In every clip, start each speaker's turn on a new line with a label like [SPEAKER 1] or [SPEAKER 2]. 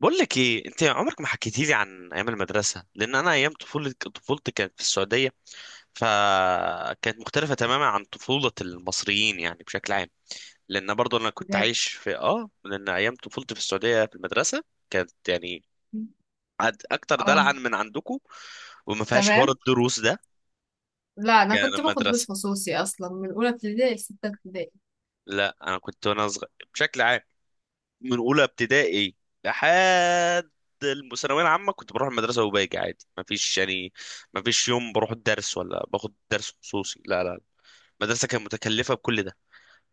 [SPEAKER 1] بقول لك ايه، انت عمرك ما حكيتي لي عن ايام المدرسه. لان انا ايام طفولتي كانت في السعوديه، فكانت مختلفه تماما عن طفوله المصريين يعني بشكل عام. لان برضو انا كنت
[SPEAKER 2] بجد.
[SPEAKER 1] عايش في لان ايام طفولتي في السعوديه في المدرسه كانت يعني اكتر دلعا
[SPEAKER 2] اه.
[SPEAKER 1] من عندكم، وما فيهاش حوار
[SPEAKER 2] تمام.
[SPEAKER 1] الدروس ده.
[SPEAKER 2] لا انا
[SPEAKER 1] يعني
[SPEAKER 2] كنت باخد
[SPEAKER 1] المدرسه،
[SPEAKER 2] دروس خصوصي اصلا من اولى ابتدائي لسته ابتدائي.
[SPEAKER 1] لا انا كنت وانا صغير بشكل عام من اولى ابتدائي لحد الثانويه العامه كنت بروح المدرسه وباجي عادي، ما فيش يوم بروح الدرس ولا باخد درس خصوصي. لا لا، المدرسه كانت متكلفه بكل ده.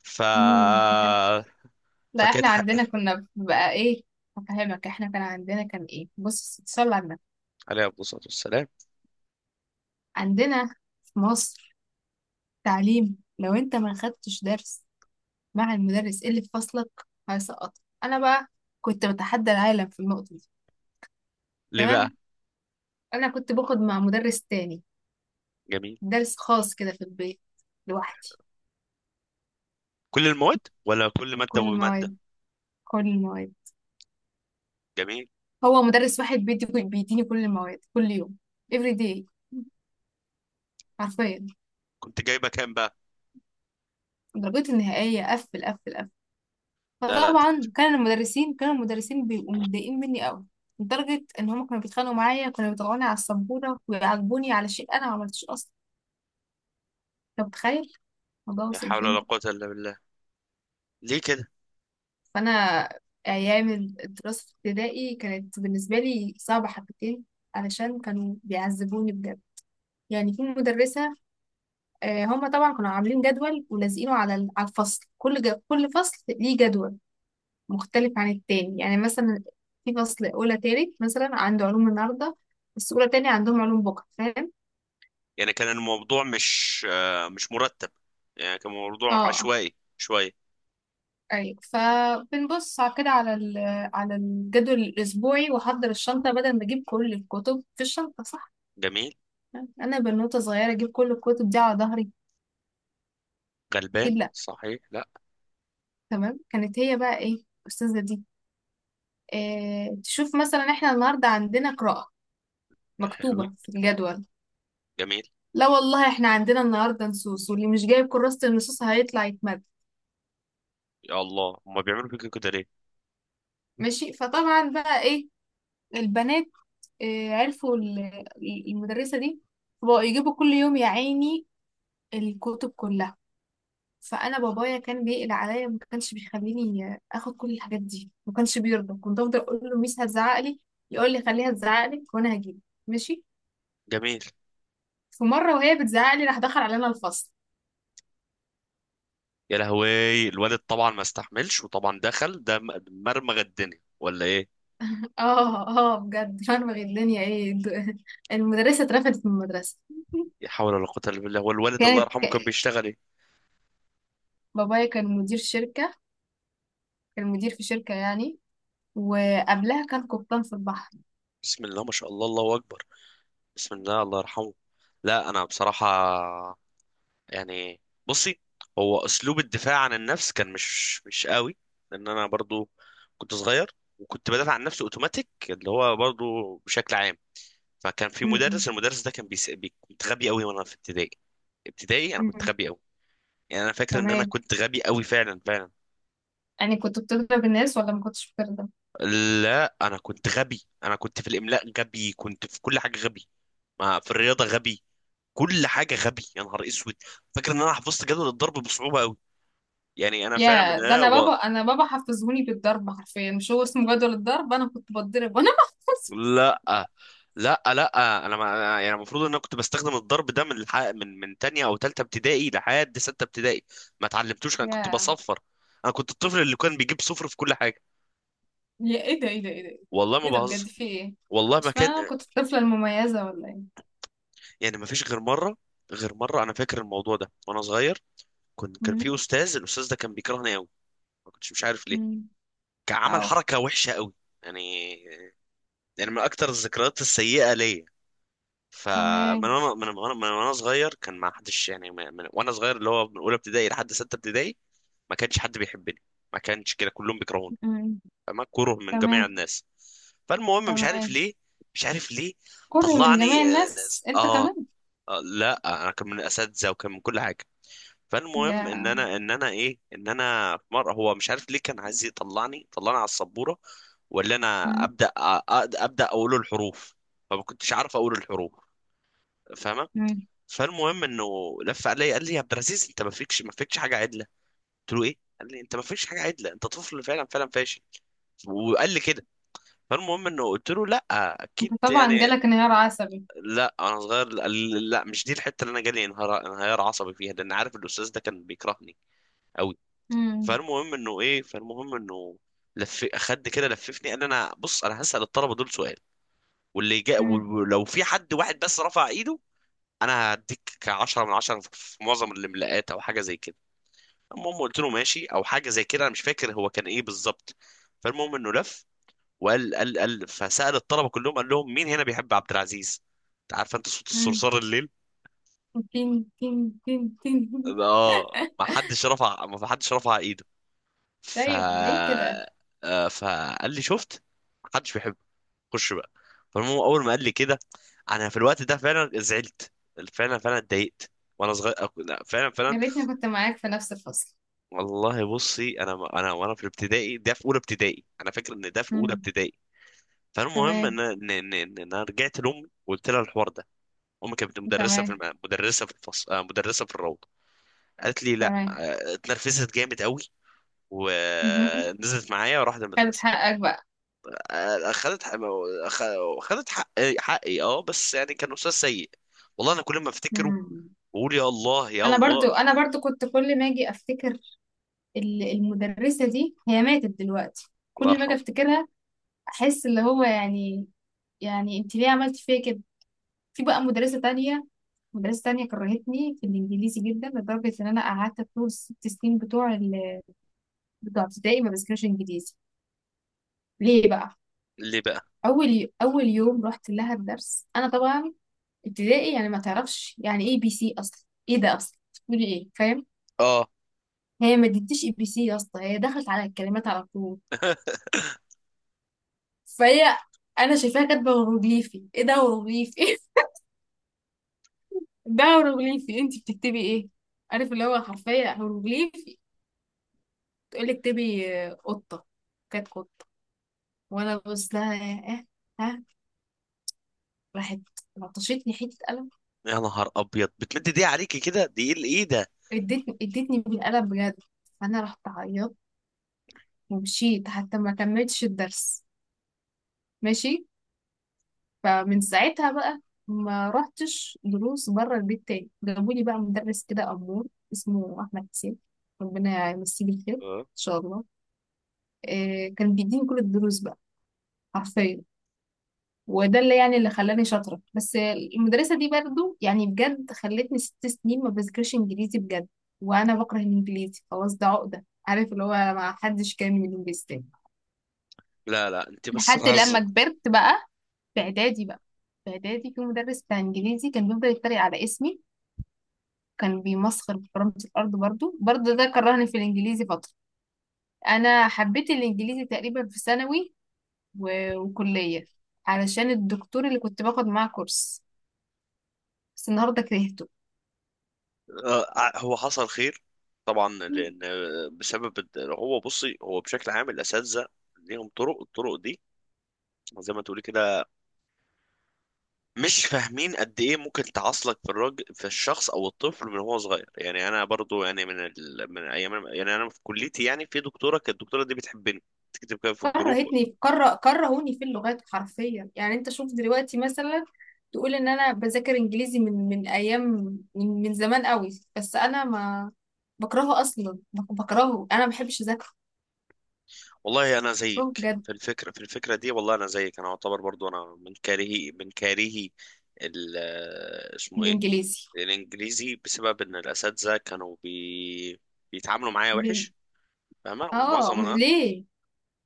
[SPEAKER 1] ف
[SPEAKER 2] مم، فهمت. لا احنا
[SPEAKER 1] فكانت حق.
[SPEAKER 2] عندنا كنا بقى ايه. هفهمك، احنا كان عندنا كان ايه، بص صلي على النبي.
[SPEAKER 1] عليه افضل الصلاه والسلام.
[SPEAKER 2] عندنا في مصر تعليم لو انت ما خدتش درس مع المدرس اللي في فصلك هيسقطك. انا بقى كنت بتحدى العالم في النقطه دي.
[SPEAKER 1] ليه بقى؟
[SPEAKER 2] تمام. انا كنت باخد مع مدرس تاني
[SPEAKER 1] جميل.
[SPEAKER 2] درس خاص كده في البيت لوحدي.
[SPEAKER 1] كل المواد ولا كل ماده
[SPEAKER 2] كل
[SPEAKER 1] وماده؟
[SPEAKER 2] المواد، كل المواد.
[SPEAKER 1] جميل.
[SPEAKER 2] هو مدرس واحد بيديني كل المواد كل يوم. every day حرفيا.
[SPEAKER 1] كنت جايبه كام بقى؟
[SPEAKER 2] درجتي النهائية قفل قفل قفل.
[SPEAKER 1] لا لا انت.
[SPEAKER 2] فطبعا كانوا المدرسين بيبقوا متضايقين مني قوي. لدرجة إن هما كانوا بيتخانقوا معايا، كانوا بيطلعوني على السبورة ويعاقبوني على شيء أنا ما عملتوش أصلا. أنت متخيل الموضوع
[SPEAKER 1] لا
[SPEAKER 2] وصل
[SPEAKER 1] حول
[SPEAKER 2] فين؟
[SPEAKER 1] ولا قوه الا بالله. ليه كده؟
[SPEAKER 2] فأنا أيام الدراسة في ابتدائي كانت بالنسبة لي صعبة حبتين علشان كانوا بيعذبوني بجد. يعني في مدرسة، هما طبعا كانوا عاملين جدول ولازقينه على على الفصل. كل فصل ليه جدول مختلف عن التاني. يعني مثلا في فصل أولى تالت مثلا عنده علوم النهاردة بس أولى تاني عندهم علوم بكرة، فاهم؟
[SPEAKER 1] يعني كان الموضوع مش مش مرتب، يعني كان موضوع
[SPEAKER 2] اه.
[SPEAKER 1] عشوائي شويه.
[SPEAKER 2] أيوة، فبنبص على كده، على الجدول الأسبوعي وأحضر الشنطة بدل ما أجيب كل الكتب في الشنطة، صح؟
[SPEAKER 1] جميل.
[SPEAKER 2] أنا بنوتة صغيرة أجيب كل الكتب دي على ظهري. أكيد
[SPEAKER 1] غلبان
[SPEAKER 2] لأ.
[SPEAKER 1] صحيح، لا.
[SPEAKER 2] تمام. كانت هي بقى إيه الأستاذة دي؟ تشوف مثلا احنا النهارده عندنا قراءة
[SPEAKER 1] حلوين.
[SPEAKER 2] مكتوبة في الجدول.
[SPEAKER 1] جميل.
[SPEAKER 2] لا والله، احنا عندنا النهاردة نصوص واللي مش جايب كراسة النصوص هيطلع يتمد.
[SPEAKER 1] يا الله، هما بيعملوا فيك كده ليه؟
[SPEAKER 2] ماشي، فطبعا بقى ايه، البنات اه عرفوا المدرسة دي، فبقوا يجيبوا كل يوم يا عيني الكتب كلها. فانا بابايا كان بيقلق عليا، ما كانش بيخليني اخد كل الحاجات دي، ما كانش بيرضى. كنت افضل اقول له ميس هتزعق لي، يقول لي خليها تزعق لك وانا هجيب. ماشي.
[SPEAKER 1] جميل.
[SPEAKER 2] في مره وهي بتزعق لي راح دخل علينا الفصل.
[SPEAKER 1] يا لهوي، الولد طبعا ما استحملش وطبعا دخل ده مرمغ الدنيا ولا ايه؟
[SPEAKER 2] اه اه، بجد فاهمة الدنيا ايه، المدرسة اترفدت من المدرسة.
[SPEAKER 1] لا حول ولا قوة الا بالله. والوالد الله
[SPEAKER 2] كانت
[SPEAKER 1] يرحمه كان
[SPEAKER 2] ك...
[SPEAKER 1] بيشتغل ايه؟
[SPEAKER 2] بابايا كان مدير شركة، كان مدير في شركة يعني، وقبلها كان قبطان في البحر.
[SPEAKER 1] بسم الله ما شاء الله، الله اكبر. بسم الله، الله يرحمه. لا انا بصراحة، يعني، بصي، هو اسلوب الدفاع عن النفس كان مش قوي. لان انا برضو كنت صغير وكنت بدافع عن نفسي اوتوماتيك اللي هو برضو بشكل عام. فكان في
[SPEAKER 2] م- م-
[SPEAKER 1] مدرس، المدرس ده كان كنت غبي قوي وانا في ابتدائي. انا كنت
[SPEAKER 2] م.
[SPEAKER 1] غبي قوي. يعني انا فاكر ان انا
[SPEAKER 2] تمام.
[SPEAKER 1] كنت غبي قوي فعلا فعلا.
[SPEAKER 2] يعني كنت بتضرب الناس ولا ما كنتش بتضرب؟
[SPEAKER 1] لا، انا كنت غبي، انا كنت في الاملاء غبي، كنت في كل حاجه غبي، ما في الرياضه غبي، كل حاجه غبي. يا نهار اسود، فاكر ان انا حفظت جدول الضرب بصعوبه قوي. يعني انا فعلا من
[SPEAKER 2] يا ده، انا بابا
[SPEAKER 1] والله.
[SPEAKER 2] انا بابا حفظهوني بالضرب حرفيا، مش هو اسمه جدول الضرب؟ انا كنت بتضرب وانا.
[SPEAKER 1] لا لا لا، انا ما يعني المفروض ان انا كنت بستخدم الضرب ده من الح... من من تانية او تالتة ابتدائي لحد ستة ابتدائي. ما اتعلمتوش، انا كنت
[SPEAKER 2] يا
[SPEAKER 1] بصفر. انا كنت الطفل اللي كان بيجيب صفر في كل حاجة.
[SPEAKER 2] يا ايه ده، ايه ده، ايه ده؟
[SPEAKER 1] والله ما
[SPEAKER 2] ايه ده بجد،
[SPEAKER 1] بهزر،
[SPEAKER 2] في ايه؟
[SPEAKER 1] والله ما
[SPEAKER 2] مش
[SPEAKER 1] كان.
[SPEAKER 2] معنى انا كنت الطفلة المميزة ولا ايه؟
[SPEAKER 1] يعني ما فيش غير مرة. غير مرة انا فاكر الموضوع ده وانا صغير. كنت كان
[SPEAKER 2] م-
[SPEAKER 1] في استاذ، الاستاذ ده كان بيكرهني قوي، ما كنتش مش عارف ليه.
[SPEAKER 2] م.
[SPEAKER 1] كان عمل
[SPEAKER 2] اه.
[SPEAKER 1] حركة وحشة قوي، يعني، يعني من اكتر الذكريات السيئة ليا. فمن
[SPEAKER 2] تمام.
[SPEAKER 1] وانا من وانا من وانا صغير كان ما حدش يعني من وانا صغير اللي هو من اولى ابتدائي لحد سته ابتدائي ما كانش حد بيحبني، ما كانش كده كلهم بيكرهوني،
[SPEAKER 2] مم.
[SPEAKER 1] فما كره من جميع
[SPEAKER 2] تمام،
[SPEAKER 1] الناس. فالمهم مش عارف
[SPEAKER 2] تمام.
[SPEAKER 1] ليه، مش عارف ليه.
[SPEAKER 2] كره من جميع
[SPEAKER 1] طلعني آه ناس.
[SPEAKER 2] الناس انت
[SPEAKER 1] آه,
[SPEAKER 2] كمان؟
[SPEAKER 1] اه لا، انا كان من اساتذه وكان من كل حاجه. فالمهم
[SPEAKER 2] جا...
[SPEAKER 1] ان انا في مره هو مش عارف ليه كان عايز يطلعني، طلعني على السبوره ولا انا
[SPEAKER 2] مم.
[SPEAKER 1] ابدا ابدا اقول الحروف، فما كنتش عارف اقول الحروف، فاهمه؟
[SPEAKER 2] مم.
[SPEAKER 1] فالمهم انه لف عليا قال لي يا عبد العزيز، انت ما فيكش حاجه عدله. قلت له ايه؟ قال لي انت ما فيكش حاجه عدله، انت طفل فعلا فعلا فاشل، وقال لي كده. فالمهم انه قلت له لا،
[SPEAKER 2] انت
[SPEAKER 1] اكيد
[SPEAKER 2] طبعا
[SPEAKER 1] يعني.
[SPEAKER 2] جالك انهيار عصبي.
[SPEAKER 1] لا انا صغير قال لي. لا، مش دي الحته اللي انا جالي انهيار عصبي فيها، لان عارف الاستاذ ده كان بيكرهني قوي.
[SPEAKER 2] مم.
[SPEAKER 1] فالمهم انه ايه، فالمهم انه لف خد كده لففني قال لي: انا بص، انا هسال الطلبه دول سؤال، واللي جاء
[SPEAKER 2] مم.
[SPEAKER 1] ولو في حد واحد بس رفع ايده انا هديك 10 من 10 في معظم الاملاءات او حاجه زي كده. المهم قلت له ماشي، او حاجه زي كده، انا مش فاكر هو كان ايه بالظبط. فالمهم انه لف وقال، قال فسأل الطلبه كلهم قال لهم مين هنا بيحب عبد العزيز؟ انت عارف انت صوت
[SPEAKER 2] مم.
[SPEAKER 1] الصرصار الليل.
[SPEAKER 2] تين، تين، تين تين.
[SPEAKER 1] اه، ما حدش رفع ايده. ف
[SPEAKER 2] طيب ليه كده؟
[SPEAKER 1] فقال لي: شفت؟ ما حدش بيحبه، خش بقى. فالمهم اول ما قال لي كده انا في الوقت ده فعلا زعلت، فعلا فعلا اتضايقت. وانا صغير لا، فعلا
[SPEAKER 2] يا
[SPEAKER 1] فعلا.
[SPEAKER 2] ريتني كنت معاك في نفس الفصل.
[SPEAKER 1] والله بصي انا، انا وانا في الابتدائي ده في اولى ابتدائي، انا فاكر ان ده في اولى
[SPEAKER 2] مم.
[SPEAKER 1] ابتدائي. فالمهم
[SPEAKER 2] تمام،
[SPEAKER 1] ان ان ان إن انا رجعت لامي وقلت لها الحوار ده. امي كانت مدرسه في
[SPEAKER 2] تمام،
[SPEAKER 1] الم... مدرسه في الفصل آه، مدرسه في الروضه. قالت لي لا،
[SPEAKER 2] تمام.
[SPEAKER 1] اتنرفزت جامد قوي
[SPEAKER 2] مهم.
[SPEAKER 1] ونزلت معايا وراحت
[SPEAKER 2] خدت
[SPEAKER 1] المدرسه.
[SPEAKER 2] حقك بقى؟
[SPEAKER 1] آه، اخذت حق... أخ- اخذت حقي. اه بس يعني كان استاذ سيء. والله انا كل ما افتكره
[SPEAKER 2] مم.
[SPEAKER 1] بقول: يا الله يا
[SPEAKER 2] انا
[SPEAKER 1] الله.
[SPEAKER 2] برضو انا برضو كنت كل ما اجي افتكر المدرسة دي، هي ماتت دلوقتي.
[SPEAKER 1] الله
[SPEAKER 2] كل ما اجي
[SPEAKER 1] يرحمه.
[SPEAKER 2] افتكرها احس اللي هو يعني انت ليه عملت فيا كده؟ في بقى مدرسة تانية، مدرسة تانية كرهتني في الإنجليزي جدا لدرجة إن أنا قعدت طول الست سنين بتوع ابتدائي ما بذاكرش إنجليزي. ليه بقى؟
[SPEAKER 1] ليه بقى؟
[SPEAKER 2] أول يوم رحت لها الدرس، أنا طبعا ابتدائي يعني ما تعرفش يعني ABC أصلا، إيه ده أصلا بتقولي إيه، فاهم؟
[SPEAKER 1] اه
[SPEAKER 2] هي ما ادتنيش ABC يا اسطى، هي دخلت على الكلمات على طول. فهي، أنا شايفاها كاتبة هيروغليفي، إيه ده هيروغليفي؟ ده هيروغليفي، أنت بتكتبي إيه؟ عارف اللي هو حرفيا هيروغليفي. تقول لي اكتبي قطة. كانت قطة. وانا ببص لها. اه. ها. راحت لطشتني حتة قلم.
[SPEAKER 1] يا نهار ابيض، بتمد دي عليكي كده؟ دي ايه، ايه ده؟
[SPEAKER 2] ادتني ادتني بالقلم بجد. فانا رحت عيطت ومشيت، حتى ما كملتش الدرس. ماشي. فمن ساعتها بقى ما رحتش دروس بره البيت تاني. جابولي بقى مدرس كده أمور اسمه أحمد حسين، ربنا يمسيه بالخير إن
[SPEAKER 1] اه،
[SPEAKER 2] شاء الله. إيه، كان بيديني كل الدروس بقى، حرفيا. وده اللي يعني اللي خلاني شاطرة، بس المدرسة دي برضو يعني بجد خلتني 6 سنين ما بذاكرش انجليزي بجد، وانا بكره الانجليزي خلاص، ده عقدة، عارف اللي هو ما حدش كامل الانجليزي تاني.
[SPEAKER 1] لا لا انت بس
[SPEAKER 2] لحد لما
[SPEAKER 1] عزل.
[SPEAKER 2] كبرت بقى، في اعدادي بقى، في اعدادي في مدرس بتاع انجليزي كان بيفضل يتريق على اسمي، كان بيمسخر بكرامة الارض برضو برضو، ده كرهني في الانجليزي فترة. انا حبيت الانجليزي تقريبا في ثانوي و- وكلية، علشان الدكتور اللي كنت باخد معاه كورس، بس النهارده كرهته.
[SPEAKER 1] هو حصل خير طبعا، لان بسبب هو بصي هو بشكل عام الاساتذه ليهم طرق، الطرق دي زي ما تقولي كده، مش فاهمين قد ايه ممكن تعاصلك في الراجل، في الشخص او الطفل من هو صغير. يعني انا برضو يعني من ايام، يعني انا في كليتي يعني في دكتوره كانت الدكتوره دي بتحبني، تكتب كده في الجروب.
[SPEAKER 2] كرهتني في كره كرهوني في اللغات حرفيا. يعني انت شوف دلوقتي مثلا، تقول ان انا بذاكر انجليزي من ايام، من زمان قوي، بس انا ما بكرهه اصلا، بكرهه، انا ما بحبش اذاكره.
[SPEAKER 1] والله انا
[SPEAKER 2] بكرهه
[SPEAKER 1] زيك
[SPEAKER 2] بجد،
[SPEAKER 1] في الفكره، في الفكره دي، والله انا زيك، انا اعتبر برضو انا من من كارهي ال اسمه ايه،
[SPEAKER 2] الانجليزي.
[SPEAKER 1] الانجليزي، بسبب ان الاساتذه كانوا بيتعاملوا معايا
[SPEAKER 2] م-
[SPEAKER 1] وحش، فاهمه؟
[SPEAKER 2] اه.
[SPEAKER 1] ومعظم انا،
[SPEAKER 2] ليه،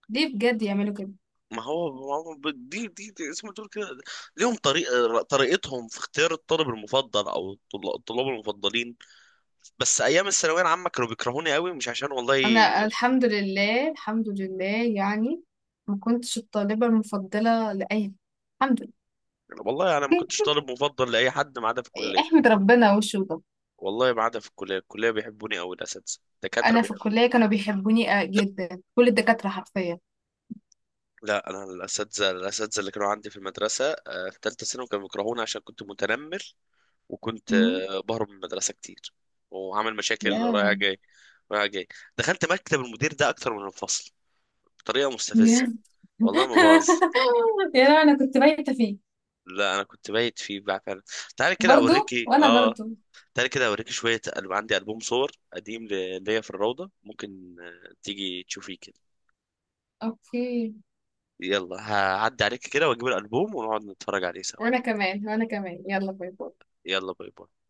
[SPEAKER 2] ليه بجد يعملوا كده؟
[SPEAKER 1] ما هو ما هو دي دي زي ما تقول كده، ليهم طريقه، طريقتهم في اختيار الطالب المفضل او الطلاب المفضلين. بس ايام الثانويه العامه كانوا بيكرهوني قوي، مش عشان والله.
[SPEAKER 2] انا الحمد لله، الحمد لله يعني ما كنتش الطالبة المفضلة لأي. الحمد لله.
[SPEAKER 1] والله انا ما كنتش طالب مفضل لاي حد ما عدا في الكليه.
[SPEAKER 2] احمد ربنا وشو ده.
[SPEAKER 1] والله ما عدا في الكلية، الكلية بيحبوني أوي، الأساتذة الدكاترة
[SPEAKER 2] انا في
[SPEAKER 1] بيحبوني.
[SPEAKER 2] الكليه كانوا بيحبوني جدا، كل الدكاتره حرفيا.
[SPEAKER 1] لا، أنا الأساتذة اللي كانوا عندي في المدرسة في تالتة ثانوي كانوا بيكرهوني عشان كنت متنمر وكنت
[SPEAKER 2] مم.
[SPEAKER 1] بهرب من المدرسة كتير، وعامل مشاكل
[SPEAKER 2] يا
[SPEAKER 1] رايح جاي، دخلت مكتب المدير ده أكتر من الفصل بطريقة
[SPEAKER 2] يا
[SPEAKER 1] مستفزة، والله ما باظ.
[SPEAKER 2] يا لهوي، انا كنت بايته فيه.
[SPEAKER 1] لا أنا كنت بايت فيه بقى فعلا. تعالى كده
[SPEAKER 2] برضو،
[SPEAKER 1] أوريكي
[SPEAKER 2] وانا
[SPEAKER 1] آه،
[SPEAKER 2] برضو.
[SPEAKER 1] تعالى كده أوريكي شوية عندي ألبوم صور قديم ليا في الروضة. ممكن تيجي تشوفيه كده؟
[SPEAKER 2] اوكي.
[SPEAKER 1] يلا هعدي عليك كده واجيب الالبوم ونقعد نتفرج عليه سوا.
[SPEAKER 2] وانا كمان، وانا كمان، يلا باي باي.
[SPEAKER 1] يلا باي باي.